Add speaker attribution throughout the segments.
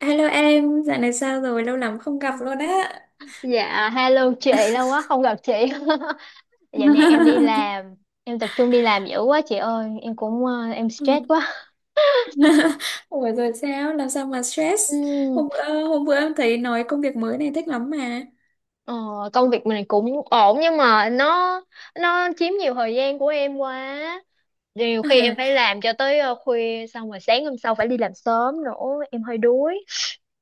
Speaker 1: Hello em, dạo này sao rồi? Lâu lắm không gặp
Speaker 2: Ừ.
Speaker 1: luôn á.
Speaker 2: Dạ, hello chị, lâu quá không gặp chị. Dạo này em đi làm, em tập trung đi làm dữ quá chị ơi, em
Speaker 1: Ừ.
Speaker 2: stress quá.
Speaker 1: Ủa rồi sao? Làm sao mà stress?
Speaker 2: Ừm,
Speaker 1: Hôm bữa em thấy nói công việc mới này thích lắm mà.
Speaker 2: ờ, Công việc mình cũng ổn nhưng mà nó chiếm nhiều thời gian của em quá. Nhiều khi em
Speaker 1: À.
Speaker 2: phải làm cho tới khuya, xong rồi sáng hôm sau phải đi làm sớm nữa, em hơi đuối.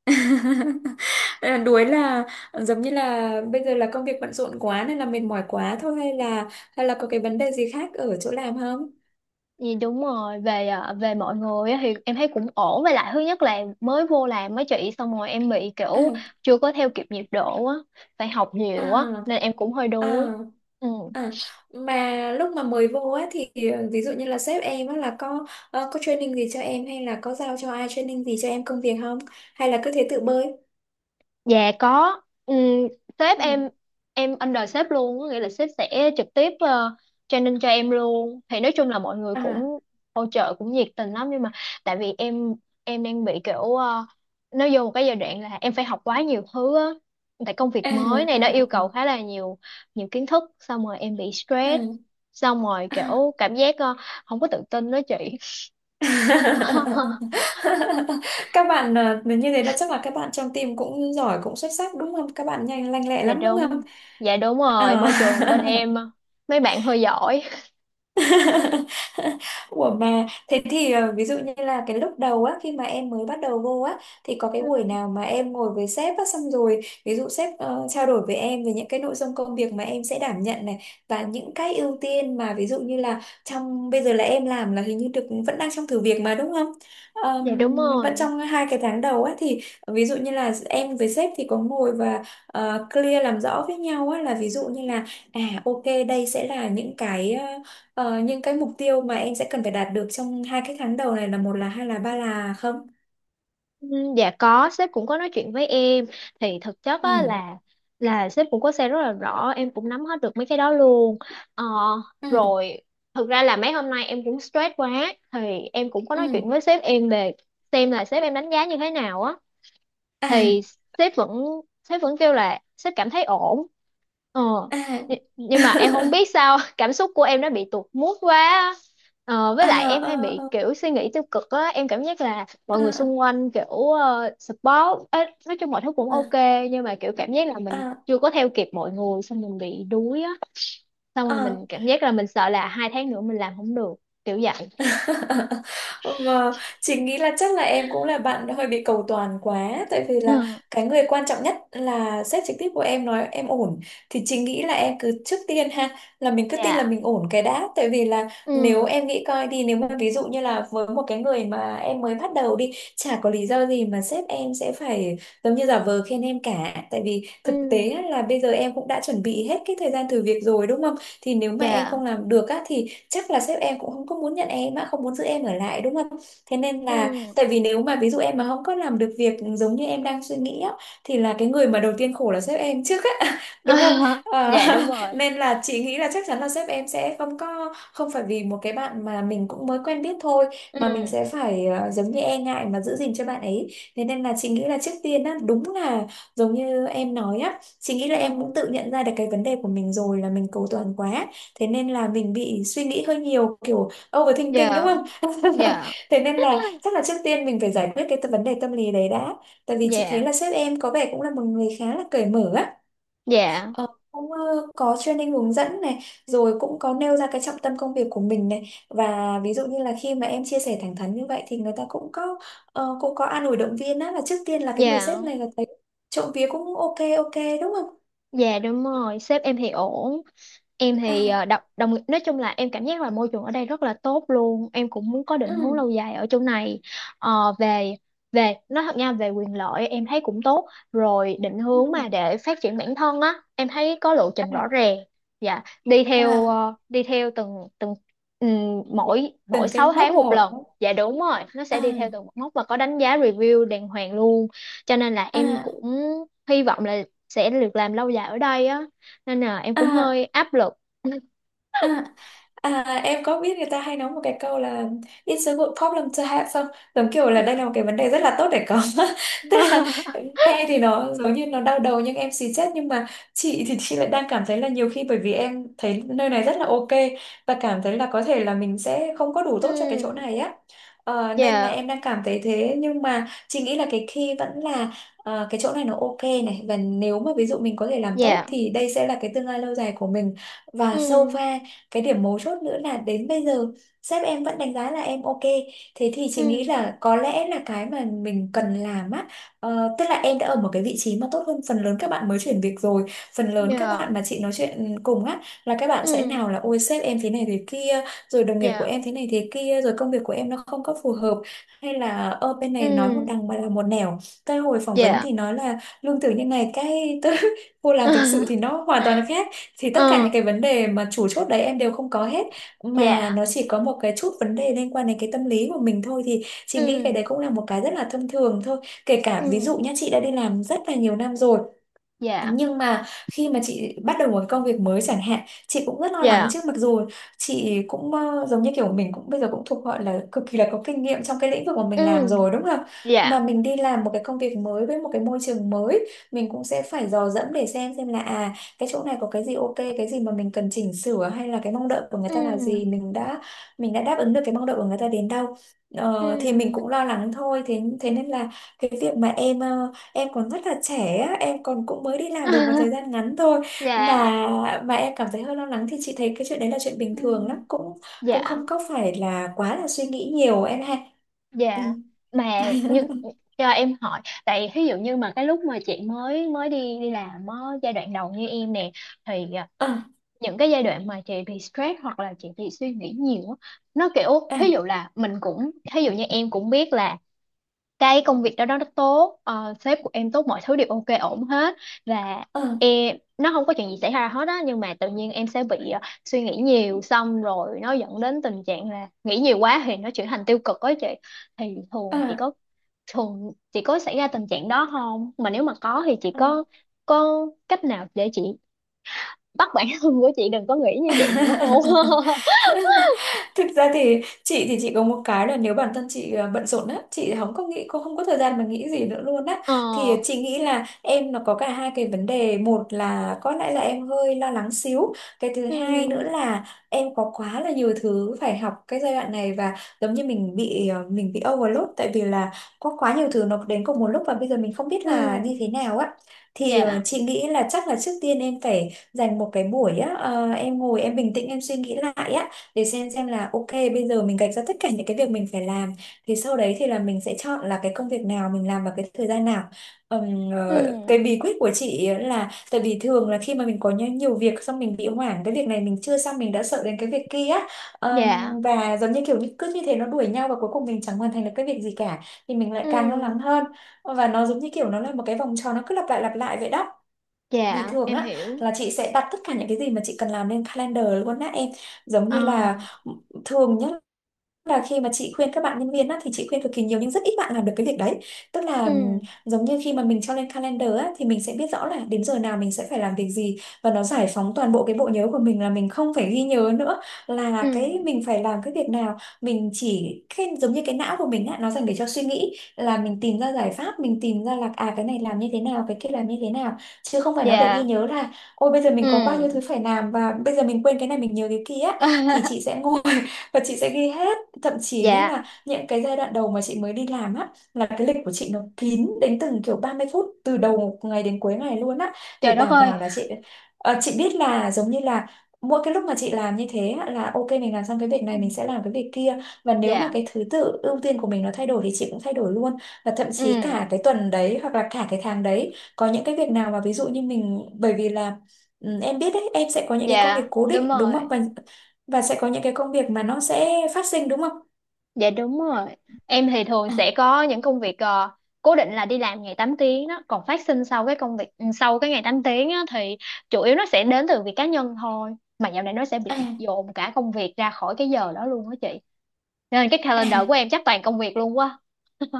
Speaker 1: À, đuối là giống như là bây giờ là công việc bận rộn quá nên là mệt mỏi quá thôi, hay là có cái vấn đề gì khác ở chỗ làm không?
Speaker 2: Thì đúng rồi, về mọi người á thì em thấy cũng ổn. Với lại thứ nhất là mới vô làm mấy chị, xong rồi em bị
Speaker 1: À.
Speaker 2: kiểu chưa có theo kịp nhịp độ á, phải học nhiều
Speaker 1: À.
Speaker 2: á nên em cũng hơi
Speaker 1: À,
Speaker 2: đuối. Ừ.
Speaker 1: à mà lúc mà mới vô á thì ví dụ như là sếp em á là có có training gì cho em, hay là có giao cho ai training gì cho em công việc không? Hay là cứ thế tự bơi?
Speaker 2: Dạ có. Ừm, Sếp
Speaker 1: Ừ.
Speaker 2: em under sếp luôn, có nghĩa là sếp sẽ trực tiếp training cho em luôn. Thì nói chung là mọi người
Speaker 1: À
Speaker 2: cũng hỗ trợ cũng nhiệt tình lắm, nhưng mà tại vì em đang bị kiểu nó vô một cái giai đoạn là em phải học quá nhiều thứ á, tại công việc
Speaker 1: à
Speaker 2: mới này nó
Speaker 1: à à
Speaker 2: yêu cầu khá là nhiều, nhiều kiến thức, xong rồi em bị
Speaker 1: à.
Speaker 2: stress,
Speaker 1: À.
Speaker 2: xong rồi
Speaker 1: À.
Speaker 2: kiểu cảm giác không có tự tin đó chị.
Speaker 1: Các bạn như thế là chắc là các bạn trong team cũng giỏi, cũng xuất sắc đúng không? Các bạn nhanh, lanh lẹ
Speaker 2: Dạ
Speaker 1: lắm đúng không?
Speaker 2: đúng. Dạ đúng rồi,
Speaker 1: À.
Speaker 2: môi trường bên em mấy bạn hơi giỏi.
Speaker 1: Ủa mà thế thì ví dụ như là cái lúc đầu á, khi mà em mới bắt đầu vô á thì có cái buổi nào mà em ngồi với sếp á, xong rồi ví dụ sếp trao đổi với em về những cái nội dung công việc mà em sẽ đảm nhận này, và những cái ưu tiên mà ví dụ như là trong bây giờ là em làm là hình như được vẫn đang trong thử việc mà đúng không?
Speaker 2: Dạ đúng
Speaker 1: Vẫn
Speaker 2: rồi.
Speaker 1: trong hai cái tháng đầu á thì ví dụ như là em với sếp thì có ngồi và clear làm rõ với nhau á, là ví dụ như là à, ok đây sẽ là những cái những cái mục tiêu mà em sẽ cần phải đạt được trong hai cái tháng đầu này là một là, hai là, ba là không?
Speaker 2: Ừ. Dạ có, sếp cũng có nói chuyện với em, thì thực chất á
Speaker 1: Ừ,
Speaker 2: là sếp cũng có xe rất là rõ, em cũng nắm hết được mấy cái đó luôn. Ờ,
Speaker 1: ừ,
Speaker 2: Rồi thực ra là mấy hôm nay em cũng stress quá, thì em cũng có nói
Speaker 1: ừ,
Speaker 2: chuyện với sếp em về, xem là sếp em đánh giá như thế nào á,
Speaker 1: à,
Speaker 2: thì sếp vẫn sếp vẫn kêu là sếp cảm thấy ổn. ờ
Speaker 1: à,
Speaker 2: nhưng mà em không biết sao cảm xúc của em nó bị tụt mood quá á.
Speaker 1: à,
Speaker 2: Với lại em hay bị
Speaker 1: à,
Speaker 2: kiểu suy nghĩ tiêu cực á, em cảm giác là mọi người
Speaker 1: à,
Speaker 2: xung quanh kiểu support ấy, nói chung mọi thứ cũng
Speaker 1: à,
Speaker 2: ok, nhưng mà kiểu cảm giác là mình
Speaker 1: à,
Speaker 2: chưa có theo kịp mọi người, xong mình bị đuối á, xong rồi
Speaker 1: à.
Speaker 2: mình cảm giác là mình sợ là 2 tháng nữa mình làm không được, kiểu vậy.
Speaker 1: Và chị nghĩ là chắc là em cũng là bạn hơi bị cầu toàn quá, tại vì là
Speaker 2: Ừ.
Speaker 1: cái người quan trọng nhất là sếp trực tiếp của em nói em ổn, thì chị nghĩ là em cứ trước tiên ha, là mình cứ tin là
Speaker 2: Dạ.
Speaker 1: mình ổn cái đã. Tại vì là
Speaker 2: Ừ.
Speaker 1: nếu em nghĩ coi đi, nếu mà ví dụ như là với một cái người mà em mới bắt đầu đi, chả có lý do gì mà sếp em sẽ phải giống như giả vờ khen em cả. Tại vì thực tế á,
Speaker 2: Ừ.
Speaker 1: là bây giờ em cũng đã chuẩn bị hết cái thời gian thử việc rồi đúng không, thì nếu mà em
Speaker 2: Dạ.
Speaker 1: không làm được á thì chắc là sếp em cũng không có muốn nhận em á, không muốn giữ em ở lại đúng không. Thế nên là,
Speaker 2: Ừ.
Speaker 1: tại vì nếu mà ví dụ em mà không có làm được việc giống như em đang suy nghĩ á, thì là cái người mà đầu tiên khổ là sếp em trước á, đúng không? Ờ,
Speaker 2: Dạ đúng rồi.
Speaker 1: nên là chị nghĩ là chắc chắn là sếp em sẽ không có, không phải vì một cái bạn mà mình cũng mới quen biết thôi mà mình sẽ
Speaker 2: Ừ.
Speaker 1: phải giống như e ngại mà giữ gìn cho bạn ấy. Thế nên là chị nghĩ là trước tiên á, đúng là giống như em nói á, chị nghĩ là em cũng
Speaker 2: Ừ.
Speaker 1: tự nhận ra được cái vấn đề của mình rồi, là mình cầu toàn quá, thế nên là mình bị suy nghĩ hơi nhiều, kiểu overthinking đúng
Speaker 2: Dạ.
Speaker 1: không.
Speaker 2: Dạ.
Speaker 1: Thế nên là chắc là trước tiên mình phải giải quyết cái vấn đề tâm lý đấy đã. Tại vì chị thấy
Speaker 2: Dạ.
Speaker 1: là sếp em có vẻ cũng là một người khá là cởi mở á.
Speaker 2: Dạ.
Speaker 1: Cũng có training hướng dẫn này, rồi cũng có nêu ra cái trọng tâm công việc của mình này, và ví dụ như là khi mà em chia sẻ thẳng thắn như vậy thì người ta cũng có cũng có an ủi động viên á, là trước tiên là cái người sếp
Speaker 2: Dạ.
Speaker 1: này là thấy trộm vía cũng ok ok đúng không.
Speaker 2: Dạ đúng rồi, sếp em thì ổn. Em thì
Speaker 1: À,
Speaker 2: đọc đồng, nói chung là em cảm giác là môi trường ở đây rất là tốt luôn, em cũng muốn có định hướng
Speaker 1: ừ,
Speaker 2: lâu dài ở chỗ này. Ờ, về về nói thật nha, về quyền lợi em thấy cũng tốt rồi, định hướng mà
Speaker 1: ừ,
Speaker 2: để phát triển bản thân á em thấy có lộ trình rõ
Speaker 1: à,
Speaker 2: ràng. Dạ, đi theo
Speaker 1: à.
Speaker 2: ờ, đi theo từng từng mỗi mỗi
Speaker 1: Từng cái
Speaker 2: 6
Speaker 1: mốc
Speaker 2: tháng một
Speaker 1: một.
Speaker 2: lần. Dạ đúng rồi, nó sẽ đi theo
Speaker 1: À
Speaker 2: từng một mốc và có đánh giá review đàng hoàng luôn, cho nên là em
Speaker 1: à,
Speaker 2: cũng hy vọng là sẽ được làm lâu dài ở đây á, nên là em cũng hơi
Speaker 1: à,
Speaker 2: áp lực.
Speaker 1: à. À, em có biết người ta hay nói một cái câu là It's a good problem to have không? Giống kiểu là đây là một cái vấn đề rất là tốt để có. Tức là nghe thì nó giống như nó đau đầu nhưng em xì chết, nhưng mà chị thì chị lại đang cảm thấy là nhiều khi bởi vì em thấy nơi này rất là ok, và cảm thấy là có thể là mình sẽ không có đủ tốt cho cái chỗ
Speaker 2: Ừ.
Speaker 1: này á. Nên là
Speaker 2: Dạ.
Speaker 1: em đang cảm thấy thế. Nhưng mà chị nghĩ là cái key vẫn là cái chỗ này nó ok này, và nếu mà ví dụ mình có thể làm tốt
Speaker 2: Dạ.
Speaker 1: thì đây sẽ là cái tương lai lâu dài của mình. Và so
Speaker 2: Ừ.
Speaker 1: far cái điểm mấu chốt nữa là đến bây giờ sếp em vẫn đánh giá là em ok, thế thì
Speaker 2: Ừ.
Speaker 1: chị nghĩ là có lẽ là cái mà mình cần làm á, tức là em đã ở một cái vị trí mà tốt hơn phần lớn các bạn mới chuyển việc rồi. Phần lớn các
Speaker 2: Dạ.
Speaker 1: bạn mà chị nói chuyện cùng á là các bạn sẽ,
Speaker 2: Ừ.
Speaker 1: nào là ôi sếp em thế này thế kia, rồi đồng nghiệp của
Speaker 2: Dạ.
Speaker 1: em thế này thế kia, rồi công việc của em nó không có phù hợp, hay là ở bên này nói một
Speaker 2: Ừ.
Speaker 1: đằng mà là một nẻo, tới hồi phỏng vấn
Speaker 2: Dạ.
Speaker 1: thì nói là lương thưởng như này, cái tới cô làm thực sự thì nó hoàn toàn khác. Thì tất cả những
Speaker 2: Ừ.
Speaker 1: cái vấn đề mà chủ chốt đấy em đều không có hết, mà
Speaker 2: Dạ.
Speaker 1: nó chỉ có một cái chút vấn đề liên quan đến cái tâm lý của mình thôi, thì chị
Speaker 2: Ừ.
Speaker 1: nghĩ cái đấy cũng là một cái rất là thông thường thôi. Kể
Speaker 2: Ừ.
Speaker 1: cả ví dụ nhá, chị đã đi làm rất là nhiều năm rồi,
Speaker 2: Dạ.
Speaker 1: nhưng mà khi mà chị bắt đầu một cái công việc mới chẳng hạn, chị cũng rất lo lắng
Speaker 2: Dạ.
Speaker 1: chứ, mặc dù chị cũng giống như kiểu mình cũng bây giờ cũng thuộc gọi là cực kỳ là có kinh nghiệm trong cái lĩnh vực mà mình làm
Speaker 2: Ừ.
Speaker 1: rồi đúng không?
Speaker 2: Dạ.
Speaker 1: Mà mình đi làm một cái công việc mới với một cái môi trường mới, mình cũng sẽ phải dò dẫm để xem là, à, cái chỗ này có cái gì ok, cái gì mà mình cần chỉnh sửa, hay là cái mong đợi của người ta là
Speaker 2: Ừ.
Speaker 1: gì, mình đã, mình đã đáp ứng được cái mong đợi của người ta đến đâu.
Speaker 2: Ừ.
Speaker 1: Ờ, thì mình cũng lo lắng thôi, thế thế nên là cái việc mà em còn rất là trẻ á, em còn cũng mới đi làm được một thời gian ngắn thôi,
Speaker 2: Dạ.
Speaker 1: mà em cảm thấy hơi lo lắng, thì chị thấy cái chuyện đấy là chuyện bình
Speaker 2: Ừ.
Speaker 1: thường lắm, cũng cũng
Speaker 2: Dạ.
Speaker 1: không có phải là quá là suy nghĩ nhiều em ha. Ừ.
Speaker 2: Dạ. Mà những cho em hỏi, tại ví dụ như mà cái lúc mà chị mới mới đi đi làm á, giai đoạn đầu như em nè, thì à,
Speaker 1: À,
Speaker 2: những cái giai đoạn mà chị bị stress hoặc là chị bị suy nghĩ nhiều á, nó kiểu ví
Speaker 1: à,
Speaker 2: dụ là mình cũng, ví dụ như em cũng biết là cái công việc đó đó nó tốt, sếp của em tốt, mọi thứ đều ok ổn hết, và
Speaker 1: à,
Speaker 2: em nó không có chuyện gì xảy ra hết á, nhưng mà tự nhiên em sẽ bị suy nghĩ nhiều, xong rồi nó dẫn đến tình trạng là nghĩ nhiều quá thì nó chuyển thành tiêu cực á chị. Thì thường chị
Speaker 1: à,
Speaker 2: có thường chị có xảy ra tình trạng đó không, mà nếu mà có thì chị
Speaker 1: à.
Speaker 2: có cách nào để chị bắt bản thân của chị đừng có nghĩ như vậy nữa hôn?
Speaker 1: Thực ra thì chị có một cái là nếu bản thân chị bận rộn á, chị không có nghĩ, cô không có thời gian mà nghĩ gì nữa luôn á.
Speaker 2: Ờ.
Speaker 1: Thì chị nghĩ là em nó có cả hai cái vấn đề, một là có lẽ là em hơi lo lắng xíu, cái thứ hai nữa
Speaker 2: Ừ.
Speaker 1: là em có quá là nhiều thứ phải học cái giai đoạn này, và giống như mình bị mình bị overload, tại vì là có quá nhiều thứ nó đến cùng một lúc và bây giờ mình không biết
Speaker 2: Ừ.
Speaker 1: là như thế nào á. Thì
Speaker 2: Dạ.
Speaker 1: chị nghĩ là chắc là trước tiên em phải dành một cái buổi á, em ngồi em bình tĩnh em suy nghĩ lại á, để xem là ok bây giờ mình gạch ra tất cả những cái việc mình phải làm, thì sau đấy thì là mình sẽ chọn là cái công việc nào mình làm vào cái thời gian nào.
Speaker 2: Ừ.
Speaker 1: Cái bí quyết của chị ấy là, tại vì thường là khi mà mình có nhiều việc, xong mình bị hoảng, cái việc này mình chưa xong mình đã sợ đến cái việc kia.
Speaker 2: Dạ.
Speaker 1: Và giống như kiểu như cứ như thế nó đuổi nhau, và cuối cùng mình chẳng hoàn thành được cái việc gì cả, thì mình lại càng lo
Speaker 2: Ừ.
Speaker 1: lắng hơn, và nó giống như kiểu nó là một cái vòng tròn nó cứ lặp lại vậy đó. Thì
Speaker 2: Dạ
Speaker 1: thường
Speaker 2: em
Speaker 1: á
Speaker 2: hiểu.
Speaker 1: là chị sẽ đặt tất cả những cái gì mà chị cần làm lên calendar luôn á em, giống
Speaker 2: Ờ.
Speaker 1: như là ừ, thường nhá là khi mà chị khuyên các bạn nhân viên á, thì chị khuyên cực kỳ nhiều nhưng rất ít bạn làm được cái việc đấy. Tức là
Speaker 2: Ừ.
Speaker 1: giống như khi mà mình cho lên calendar á, thì mình sẽ biết rõ là đến giờ nào mình sẽ phải làm việc gì. Và nó giải phóng toàn bộ cái bộ nhớ của mình, là mình không phải ghi nhớ nữa
Speaker 2: Ừ.
Speaker 1: là cái mình phải làm cái việc nào, mình chỉ cái, giống như cái não của mình á, nó dành để cho suy nghĩ là mình tìm ra giải pháp, mình tìm ra là à cái này làm như thế nào, cái kia làm như thế nào, chứ không phải nó để ghi
Speaker 2: Dạ.
Speaker 1: nhớ là ôi bây giờ mình có bao nhiêu thứ
Speaker 2: Ừ.
Speaker 1: phải làm và bây giờ mình quên cái này mình nhớ cái kia á." Thì chị sẽ ngồi và chị sẽ ghi hết. Thậm chí nhá,
Speaker 2: Dạ.
Speaker 1: là những cái giai đoạn đầu mà chị mới đi làm á, là cái lịch của chị nó kín đến từng kiểu 30 phút, từ đầu ngày đến cuối ngày luôn á, để
Speaker 2: Trời đất
Speaker 1: đảm bảo
Speaker 2: ơi.
Speaker 1: là chị chị biết là giống như là mỗi cái lúc mà chị làm như thế á, là ok mình làm xong cái việc
Speaker 2: Ừ.
Speaker 1: này mình sẽ làm cái việc kia. Và nếu mà
Speaker 2: Dạ.
Speaker 1: cái thứ tự ưu tiên của mình nó thay đổi thì chị cũng thay đổi luôn. Và thậm
Speaker 2: Ừ.
Speaker 1: chí cả cái tuần đấy hoặc là cả cái tháng đấy có những cái việc nào mà ví dụ như mình, bởi vì là em biết đấy, em sẽ có những cái công việc
Speaker 2: Dạ
Speaker 1: cố
Speaker 2: đúng
Speaker 1: định đúng
Speaker 2: rồi.
Speaker 1: không, và sẽ có những cái công việc mà nó sẽ phát sinh đúng không.
Speaker 2: Dạ đúng rồi. Em thì thường
Speaker 1: À,
Speaker 2: sẽ có những công việc cố định là đi làm ngày 8 tiếng đó, còn phát sinh sau cái công việc ừ, sau cái ngày 8 tiếng á, thì chủ yếu nó sẽ đến từ việc cá nhân thôi. Mà dạo này nó sẽ bị
Speaker 1: à,
Speaker 2: dồn cả công việc ra khỏi cái giờ đó luôn đó chị. Nên cái
Speaker 1: à.
Speaker 2: calendar của em chắc toàn công việc luôn quá.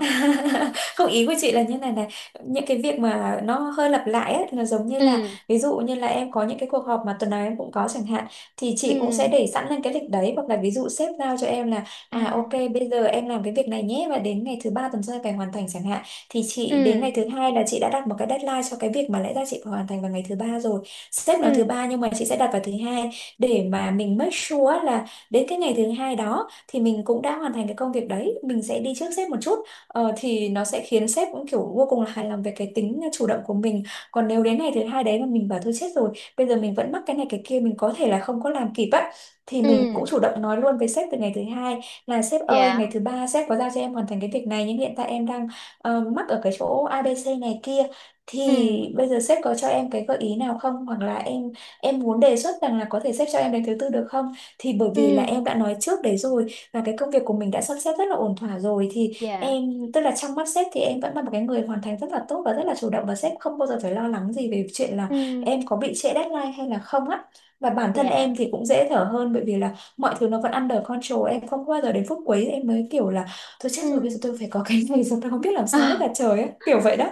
Speaker 1: Không, ý của chị là như này này, những cái việc mà nó hơi lặp lại ấy, là giống như là
Speaker 2: Ừ.
Speaker 1: ví dụ như là em có những cái cuộc họp mà tuần nào em cũng có chẳng hạn, thì chị cũng sẽ
Speaker 2: Ừ.
Speaker 1: để sẵn lên cái lịch đấy. Hoặc là ví dụ sếp giao cho em là à ok
Speaker 2: À.
Speaker 1: bây giờ em làm cái việc này nhé, và đến ngày thứ ba tuần sau em phải hoàn thành chẳng hạn, thì chị đến ngày
Speaker 2: Ừ.
Speaker 1: thứ hai là chị đã đặt một cái deadline cho cái việc mà lẽ ra chị phải hoàn thành vào ngày thứ ba rồi. Sếp nói thứ
Speaker 2: Ừ.
Speaker 1: ba nhưng mà chị sẽ đặt vào thứ hai, để mà mình make sure là đến cái ngày thứ hai đó thì mình cũng đã hoàn thành cái công việc đấy, mình sẽ đi trước sếp một chút. Thì nó sẽ khiến sếp cũng kiểu vô cùng là hài lòng về cái tính chủ động của mình. Còn nếu đến ngày thứ hai đấy mà mình bảo thôi chết rồi, bây giờ mình vẫn mắc cái này cái kia, mình có thể là không có làm kịp á, thì mình cũng
Speaker 2: Ừ.
Speaker 1: chủ động nói luôn với sếp từ ngày thứ hai là sếp ơi, ngày
Speaker 2: Dạ.
Speaker 1: thứ ba sếp có giao cho em hoàn thành cái việc này nhưng hiện tại em đang mắc ở cái chỗ a ABC này kia, thì
Speaker 2: Ừ.
Speaker 1: bây giờ sếp có cho em cái gợi ý nào không, hoặc là em muốn đề xuất rằng là có thể sếp cho em đến thứ tư được không, thì bởi vì là
Speaker 2: Ừ.
Speaker 1: em đã nói trước đấy rồi và cái công việc của mình đã sắp xếp rất là ổn thỏa rồi thì
Speaker 2: Dạ.
Speaker 1: em, tức là trong mắt sếp thì em vẫn là một cái người hoàn thành rất là tốt và rất là chủ động, và sếp không bao giờ phải lo lắng gì về chuyện là
Speaker 2: Ừ.
Speaker 1: em có bị trễ deadline hay là không á. Và bản thân
Speaker 2: Dạ.
Speaker 1: em thì cũng dễ thở hơn, bởi vì là mọi thứ nó
Speaker 2: Ừ.
Speaker 1: vẫn under control, em không bao giờ đến phút cuối em mới kiểu là tôi chết rồi
Speaker 2: Ừ.
Speaker 1: bây giờ tôi phải có cái này rồi tôi không biết làm sao hết là trời á, kiểu vậy đó.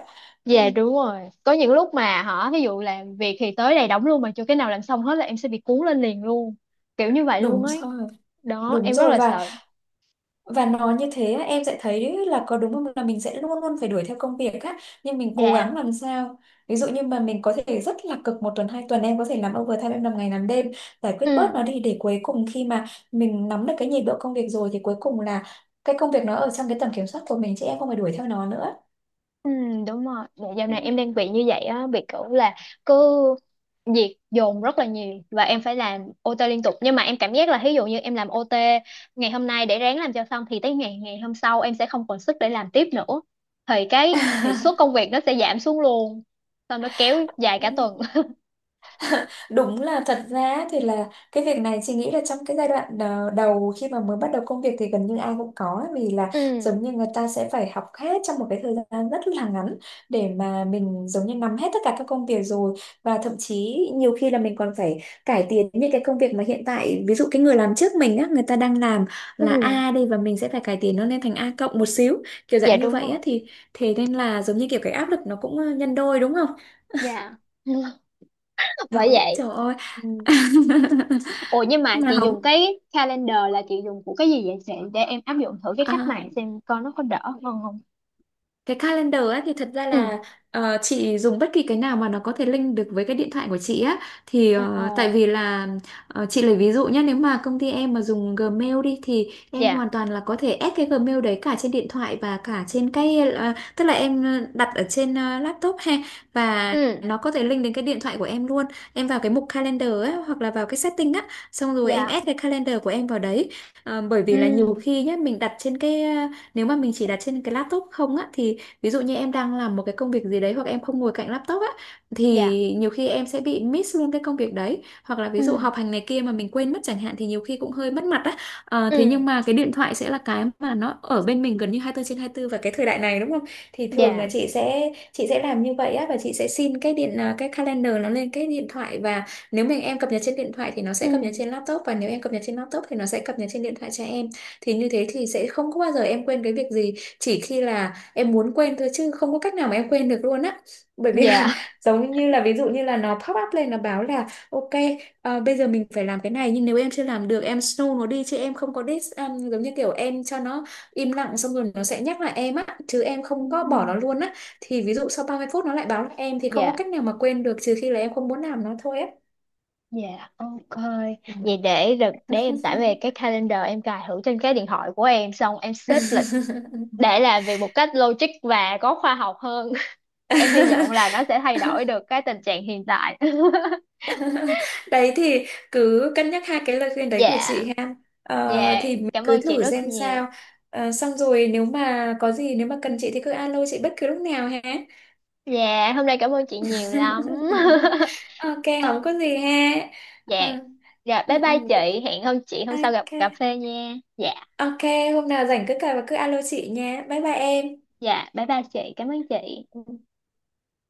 Speaker 1: Ừ,
Speaker 2: Dạ đúng rồi. Có những lúc mà hả, ví dụ làm việc thì tới đây đóng luôn mà chưa cái nào làm xong hết, là em sẽ bị cuốn lên liền luôn, kiểu như vậy luôn
Speaker 1: đúng
Speaker 2: ấy.
Speaker 1: rồi,
Speaker 2: Đó,
Speaker 1: đúng
Speaker 2: em rất
Speaker 1: rồi,
Speaker 2: là
Speaker 1: và
Speaker 2: sợ.
Speaker 1: và nó như thế á, em sẽ thấy là có đúng không, là mình sẽ luôn luôn phải đuổi theo công việc á, nhưng mình cố
Speaker 2: Dạ.
Speaker 1: gắng làm sao ví dụ như mà mình có thể rất là cực 1 tuần 2 tuần, em có thể làm overtime, em làm ngày làm đêm, giải quyết bớt
Speaker 2: Ừ.
Speaker 1: nó đi, để cuối cùng khi mà mình nắm được cái nhịp độ công việc rồi thì cuối cùng là cái công việc nó ở trong cái tầm kiểm soát của mình, chứ em không phải đuổi theo nó nữa.
Speaker 2: Ừ đúng rồi. Dạ dạo
Speaker 1: Ừ.
Speaker 2: này em đang bị như vậy á, bị kiểu là cứ việc dồn rất là nhiều, và em phải làm OT liên tục. Nhưng mà em cảm giác là ví dụ như em làm OT ngày hôm nay để ráng làm cho xong, thì tới ngày ngày hôm sau em sẽ không còn sức để làm tiếp nữa, thì cái hiệu suất công việc nó sẽ giảm xuống luôn, xong nó kéo dài cả tuần.
Speaker 1: Đúng, là thật ra thì là cái việc này chị nghĩ là trong cái giai đoạn đầu khi mà mới bắt đầu công việc thì gần như ai cũng có ấy, vì là
Speaker 2: Ừ.
Speaker 1: giống như người ta sẽ phải học hết trong một cái thời gian rất là ngắn để mà mình giống như nắm hết tất cả các công việc rồi. Và thậm chí nhiều khi là mình còn phải cải tiến những cái công việc mà hiện tại, ví dụ cái người làm trước mình á người ta đang làm là
Speaker 2: Ừ.
Speaker 1: A đi, và mình sẽ phải cải tiến nó lên thành A cộng một xíu, kiểu
Speaker 2: Dạ
Speaker 1: dạng như
Speaker 2: đúng
Speaker 1: vậy
Speaker 2: rồi.
Speaker 1: á. Thì thế nên là giống như kiểu cái áp lực nó cũng nhân đôi đúng không?
Speaker 2: Dạ. Bởi
Speaker 1: Đó,
Speaker 2: vậy.
Speaker 1: trời ơi.
Speaker 2: Ừ. Ủa nhưng mà chị
Speaker 1: Mà không
Speaker 2: dùng cái calendar là chị dùng của cái gì vậy chị? Để em áp dụng thử cái cách này,
Speaker 1: à,
Speaker 2: xem coi nó có đỡ hơn không.
Speaker 1: cái calendar ấy thì thật ra
Speaker 2: Ừ.
Speaker 1: là chị dùng bất kỳ cái nào mà nó có thể link được với cái điện thoại của chị á. Thì
Speaker 2: Ờ.
Speaker 1: tại vì là chị lấy ví dụ nhé, nếu mà công ty em mà dùng Gmail đi thì em
Speaker 2: Dạ.
Speaker 1: hoàn toàn là có thể add cái Gmail đấy cả trên điện thoại và cả trên cái tức là em đặt ở trên laptop ha. Và
Speaker 2: Ừ.
Speaker 1: nó có thể link đến cái điện thoại của em luôn. Em vào cái mục calendar á hoặc là vào cái setting á, xong rồi em
Speaker 2: Dạ.
Speaker 1: add cái calendar của em vào đấy. Ờ, bởi
Speaker 2: Ừ.
Speaker 1: vì là nhiều khi nhé mình đặt trên cái nếu mà mình chỉ đặt trên cái laptop không á, thì ví dụ như em đang làm một cái công việc gì đấy hoặc em không ngồi cạnh laptop á thì
Speaker 2: Dạ.
Speaker 1: nhiều khi em sẽ bị miss luôn cái công việc đấy, hoặc là ví dụ
Speaker 2: Ừ.
Speaker 1: họp hành này kia mà mình quên mất chẳng hạn thì nhiều khi cũng hơi mất mặt á. Ờ,
Speaker 2: Ừ.
Speaker 1: thế nhưng mà cái điện thoại sẽ là cái mà nó ở bên mình gần như 24 trên 24, và cái thời đại này đúng không thì thường là
Speaker 2: Dạ.
Speaker 1: chị sẽ làm như vậy á, và chị sẽ xin cái cái calendar nó lên cái điện thoại. Và nếu em cập nhật trên điện thoại thì nó sẽ cập nhật
Speaker 2: Ừ.
Speaker 1: trên laptop, và nếu em cập nhật trên laptop thì nó sẽ cập nhật trên điện thoại cho em. Thì như thế thì sẽ không có bao giờ em quên cái việc gì, chỉ khi là em muốn quên thôi, chứ không có cách nào mà em quên được luôn á. Bởi vì là
Speaker 2: Dạ.
Speaker 1: giống như là ví dụ như là nó pop up lên nó báo là ok bây giờ mình phải làm cái này, nhưng nếu em chưa làm được em snow nó đi chứ em không có dis giống như kiểu em cho nó im lặng, xong rồi nó sẽ nhắc lại em á, chứ em
Speaker 2: Ừ.
Speaker 1: không có bỏ nó luôn á. Thì ví dụ sau 30 phút nó lại báo lại em thì không có
Speaker 2: Dạ.
Speaker 1: cách nào mà quên được, trừ khi là em không muốn làm nó thôi á.
Speaker 2: Dạ. Ok.
Speaker 1: Ừ.
Speaker 2: Vậy để em tải về cái calendar, em cài thử trên cái điện thoại của em, xong em xếp lịch để làm việc một cách logic và có khoa học hơn. Em hy vọng là nó sẽ thay đổi được cái tình trạng hiện tại.
Speaker 1: Đấy thì cứ cân nhắc hai cái lời khuyên đấy của
Speaker 2: Dạ.
Speaker 1: chị ha. Ờ,
Speaker 2: Dạ,
Speaker 1: thì mình
Speaker 2: cảm
Speaker 1: cứ
Speaker 2: ơn chị
Speaker 1: thử
Speaker 2: rất
Speaker 1: xem
Speaker 2: nhiều.
Speaker 1: sao. Ờ, xong rồi nếu mà có gì, nếu mà cần chị thì cứ alo chị bất cứ lúc nào ha.
Speaker 2: Dạ hôm nay cảm ơn chị nhiều lắm.
Speaker 1: Ok, không có gì ha. Ờ,
Speaker 2: Dạ. Dạ
Speaker 1: ừ,
Speaker 2: bye
Speaker 1: ừ,
Speaker 2: bye chị. Hẹn hôm chị hôm sau gặp
Speaker 1: ok.
Speaker 2: cà phê nha. Dạ.
Speaker 1: Ok, hôm nào rảnh cứ cài và cứ alo chị nha. Bye bye em.
Speaker 2: Dạ bye bye chị, cảm ơn chị.
Speaker 1: Ừ.